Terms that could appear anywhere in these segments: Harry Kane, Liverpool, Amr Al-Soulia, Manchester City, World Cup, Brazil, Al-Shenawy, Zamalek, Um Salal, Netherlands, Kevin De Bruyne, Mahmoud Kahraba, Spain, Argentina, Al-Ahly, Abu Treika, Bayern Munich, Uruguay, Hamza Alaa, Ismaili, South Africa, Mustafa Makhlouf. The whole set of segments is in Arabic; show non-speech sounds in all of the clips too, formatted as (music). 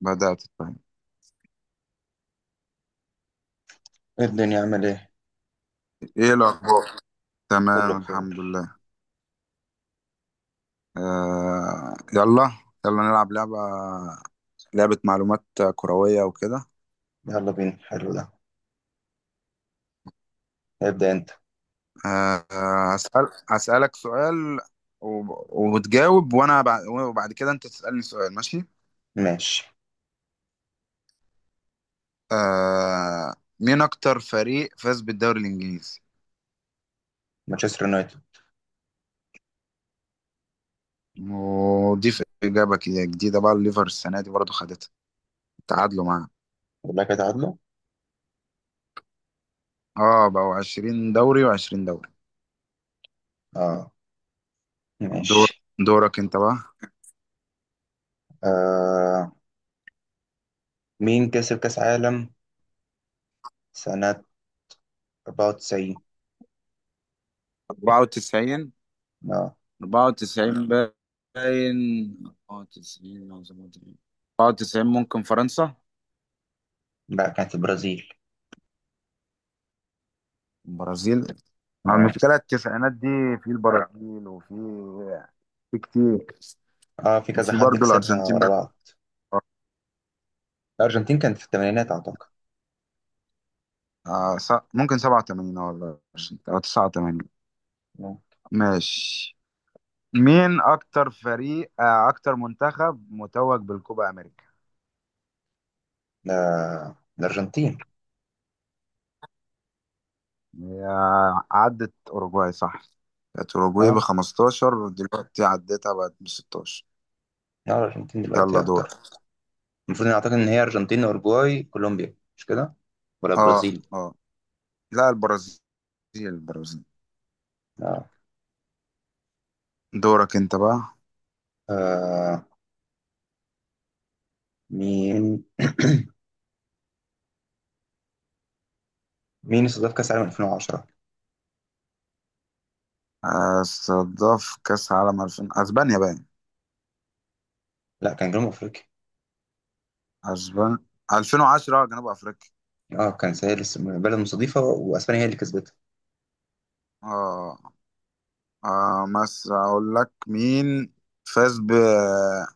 بدأت أتفهم. إيه الدنيا عامل ايه؟ إيه الأخبار؟ كله تمام، بخير. الحمد لله. آه، يلا. يلا نلعب لعبة معلومات كروية وكده. يلا بينا، حلو ده. ابدأ انت. هسألك سؤال. وتجاوب، وأنا وبعد كده أنت تسألني سؤال، ماشي؟ ماشي. آه. مين أكتر فريق فاز بالدوري الإنجليزي؟ مانشستر يونايتد. ودي في إجابة كده جديدة بقى، الليفر السنة دي برضه خدتها. تعادلوا معاه. اقول لك هتعادله؟ اه، بقوا 20 دوري و20 دوري. اه. دور ماشي. دورك أنت بقى. آه. مين كسب كأس عالم سنة 94؟ 94. اه. 94 باين. 94 أو 97. 94 ممكن فرنسا. لا، كانت البرازيل. البرازيل. مع اه. المشكلة التسعينات دي، في البرازيل في كتير، اه، في كذا وفي حد برضه كسبها الأرجنتين ورا بقى. بعض. الأرجنتين كانت في الثمانينات أعتقد. ممكن 87 ولا 20 أو 89. آه. ماشي. مين أكتر فريق، آه، أكتر منتخب متوج بالكوبا أمريكا؟ ده الأرجنتين. هي. عدت أوروجواي، صح؟ كانت أوروجواي ب اه، 15 ودلوقتي عدتها بقت ب 16. لا الأرجنتين دلوقتي يلا دورك. أكتر. المفروض إن أعتقد إن هي أرجنتين وأوروجواي كولومبيا، مش كده؟ ولا اه. برازيل. اه. لا، البرازيل. البرازيل. اه. دورك انت بقى. آه. مين (clears throat) مين استضاف كأس العالم 2010؟ استضاف كأس عالم 2000 اسبانيا باين. لا، كان جنوب أفريقيا. اسبانيا. 2010 جنوب افريقيا. اه كان سهل، بلد مستضيفة وأسبانيا هي اللي كسبتها. اه. اه، بس اقول لك مين فاز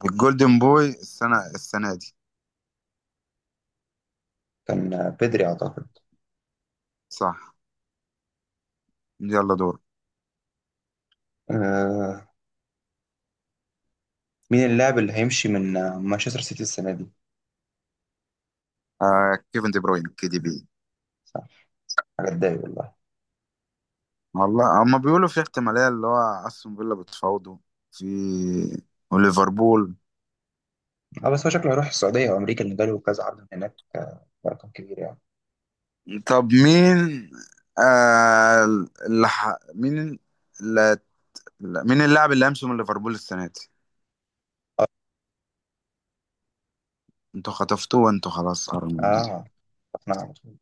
بالجولدن بوي السنة دي؟ كان بيدري أعتقد. صح. يلا دور. آه. مين اللاعب اللي هيمشي من مانشستر سيتي السنة دي؟ آه، كيفن دي بروين، كي دي بي. صح. حاجة تضايق والله. والله هما بيقولوا في احتمالية، اللي هو استون فيلا بتفاوضه، في وليفربول. اه بس هو شكله هيروح السعودية أو أمريكا، اللي جاله كذا عرض من هناك برقم كبير يعني. طب مين، آه، اللي ح... مين اللي... مين اللاعب اللي امس من ليفربول السنه دي؟ انتوا خطفتوه وانتوا خلاص قربوا من البتاع. اه. اقنع على طول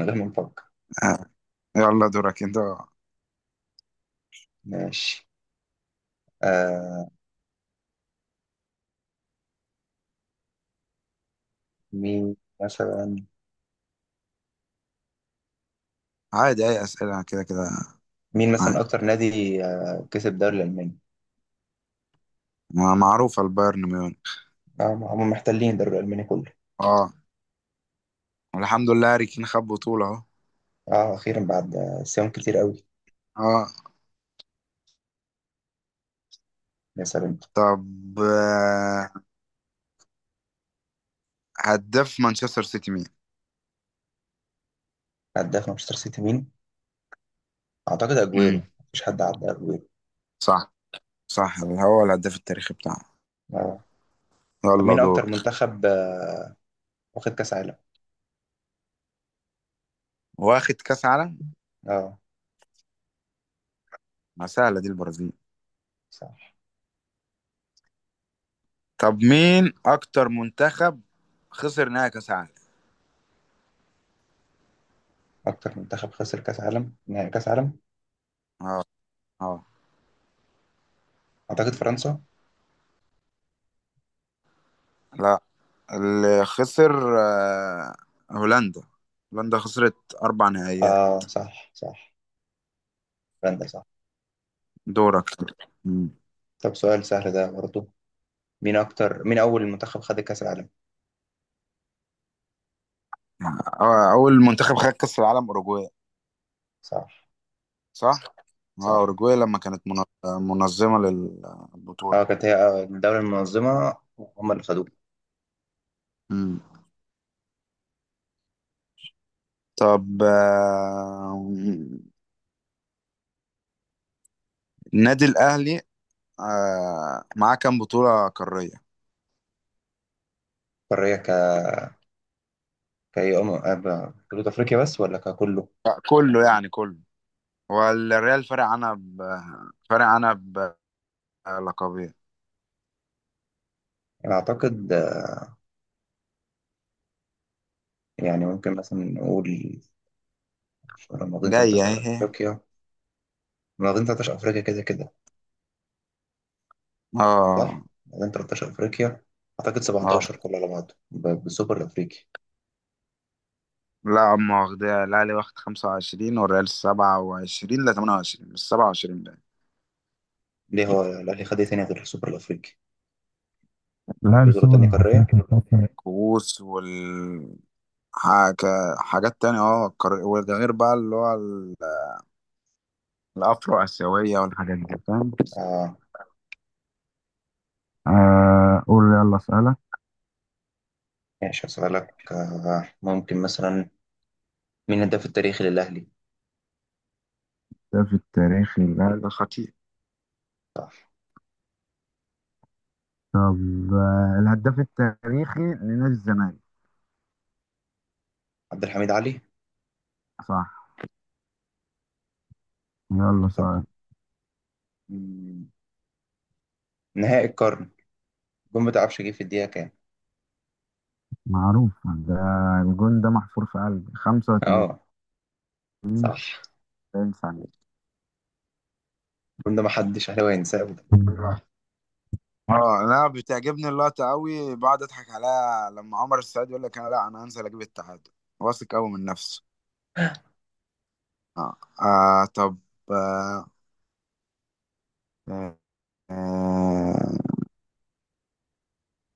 من غير ما نفكر. آه. يلا دورك انت. ماشي. آه. مين مثلا. عادي، اي اسئله كده كده. مين مثلا عادي. اكتر نادي كسب الدوري الالماني؟ معروفه، البايرن ميونخ. آه هم محتلين الدوري الالماني كله. اه، والحمد لله هاري كين خد بطوله اهو. اه، اخيرا بعد صيام كتير قوي. اه. يا سلام. طب آه، هداف مانشستر سيتي مين؟ هداف مانشستر سيتي مين؟ اعتقد اجويرو، امم مفيش حد عدى اجويرو. صح. صح، هو الهداف التاريخي بتاعه. اه. طب يلا مين اكتر دورك. منتخب واخد كاس عالم؟ واخد كاس عالم. اه. ما سهله دي، البرازيل. صح. طب مين اكتر منتخب خسر نهائي كاس عالم؟ اكتر منتخب خسر كاس عالم، نهائي كاس عالم. اه. اه. اعتقد فرنسا. لا، اللي خسر، آه، هولندا. هولندا خسرت اربع نهائيات. اه، صح، صح. فرنسا صح. دورك. مم. طب سؤال سهل ده برضه. مين اول منتخب خد كاس العالم؟ آه، اول منتخب خد كاس العالم اوروجواي. صح، صح. اه، صح كده. اوروجواي لما كانت منظمة للبطولة. اه كانت هي الدولة المنظمة. هم اللي خدوه. مم. طب، آه، النادي الاهلي، آه، معاه كام بطولة قارية؟ قارية، كأي أم حدود أفريقيا بس ولا ككله؟ آه، كله يعني، كله. والريال فارق عنها، ب... فارق عنها بلقبين. يعني أعتقد، يعني ممكن مثلا نقول في مناطقين جاية 13 اهي. أفريقيا. مناطقين 13 أفريقيا كده كده، صح؟ اه. مناطقين 13 أفريقيا أعتقد اه. 17 كله على بعضه بالسوبر الأفريقي. لا، أما واخدها الأهلي واخد خمسة وعشرين والريال سبعة وعشرين، لا تمانية وعشرين، مش سبعة وعشرين بقى. ليه هو الأهلي خد إيه تاني غير السوبر الأفريقي؟ لا، في بطولة السوبر تانية قارية؟ الافريقي الفترة كؤوس وال... حاجات تانية، اه وده غير بقى اللي هو الأفرو آسيوية والحاجات دي، فاهم. آه. آه، قول يلا اسألك. ماشي هسألك، ممكن مثلا مين الهداف التاريخي للأهلي؟ الهداف التاريخي للأهلي، ده خطير. صح. طب، آه، الهداف التاريخي لنادي الزمالك؟ عبد الحميد علي؟ صح. يلا طب سؤال. مم، نهائي القرن، الجون بتاع عبش جه في الدقيقة كام؟ معروف ده. الجون ده محفور في قلبي، 85 آه، صح. ثانية. الجون ده محدش أهلاوي هينساه أبدا. اه، انا بتعجبني اللقطه قوي، بقعد اضحك عليها لما عمر السعيد يقول لك انا، لا انا هنزل اجيب التعادل. واثق قوي من نفسه. اه. آه طب، آه، آه، آه،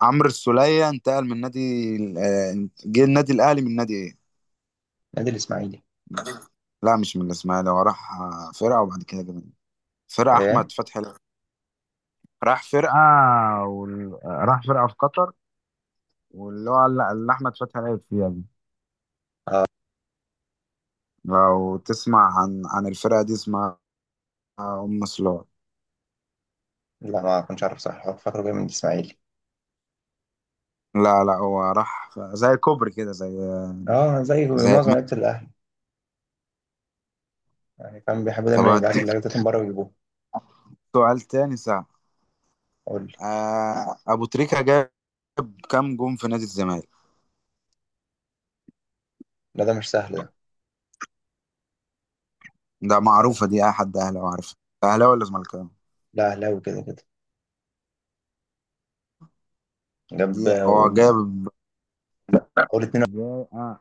عمرو السولية انتقل من نادي آه، جه النادي الاهلي من نادي ايه؟ نادي الإسماعيلي. لا، مش من الاسماعيلي. هو راح، آه، فرقه وبعد كده جه فرقه إيه؟ احمد فتحي. راح فرقة وال... راح فرقة في قطر، واللي هو اللي أحمد فتحي لعب فيها دي. لو تسمع عن الفرقة دي، اسمها أم سلوت. لا، ما كنتش عارف، صح هو فاكره جاي من الاسماعيلي. لا لا، هو راح زي كوبري كده، زي، اه، زي زي معظم لعيبه الاهلي، يعني فاهم بيحبوا طب دايما يبعتوا هديك اللعيبه بتاعتهم بره ويجيبوها. سؤال تاني ساعة. قول لي. آه، أبو تريكة جاب كام جون في نادي الزمالك؟ لا ده مش سهل ده. ده ده معروفة ممكن. دي، أي حد أهلاوي عارفها. أهلاوي ولا زملكاوي؟ لا اهلاوي كده كده. دي جاب هو قول. جاب، قول 2. جاب، آه،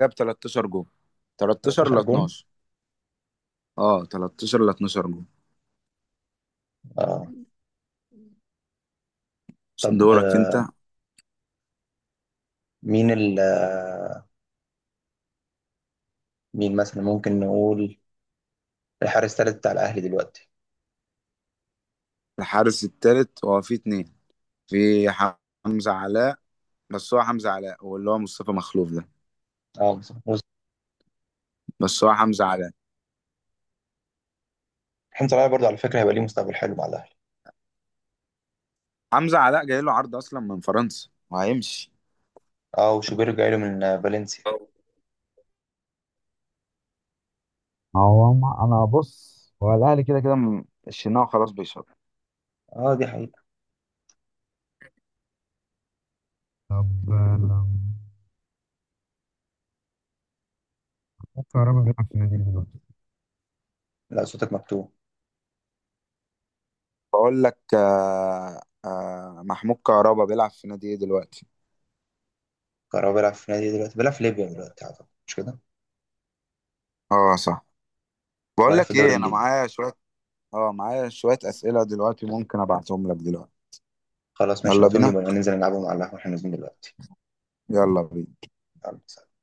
جاب 13 جون. 13 ل 13 جون. 12. اه 13 ل 12 جون. اه. طب دورك انت. مين ال آه، مين مثلا ممكن نقول الحارس الثالث بتاع الاهلي دلوقتي. الحارس التالت هو في اتنين. في حمزة علاء. بس هو حمزة علاء واللي هو مصطفى مخلوف ده. اه، مصطفى محمود. بس هو حمزة علاء. محمد صلاح برضه على فكره هيبقى ليه مستقبل حلو مع الاهلي. حمزة علاء جاي له عرض اصلا من فرنسا وهيمشي. اه وشوبير جاي له من فالنسيا. هو ما انا بص، هو الاهلي كده كده الشناوي خلاص بيشرب. اه، دي حقيقه. طب، آه، ممكن كهربا بيلعب في النادي دلوقتي. لا صوتك مكتوب. بقول لك، آه آه، محمود كهربا بيلعب في نادي ايه دلوقتي؟ كهربا بيلعب في نادي إيه دلوقتي؟ بيلعب في ليبيا دلوقتي اعتقد، مش كده؟ اه صح. بقول بيلعب في لك الدوري ايه، انا الليبي. معايا شوية. اه، معايا شوية اسئلة دلوقتي، ممكن ابعتهم لك دلوقتي. خلاص ماشي، يلا بعتهم لي بينا. وننزل نلعبهم على القهوة واحنا نازلين دلوقتي. يلا بينا. يلا سلام.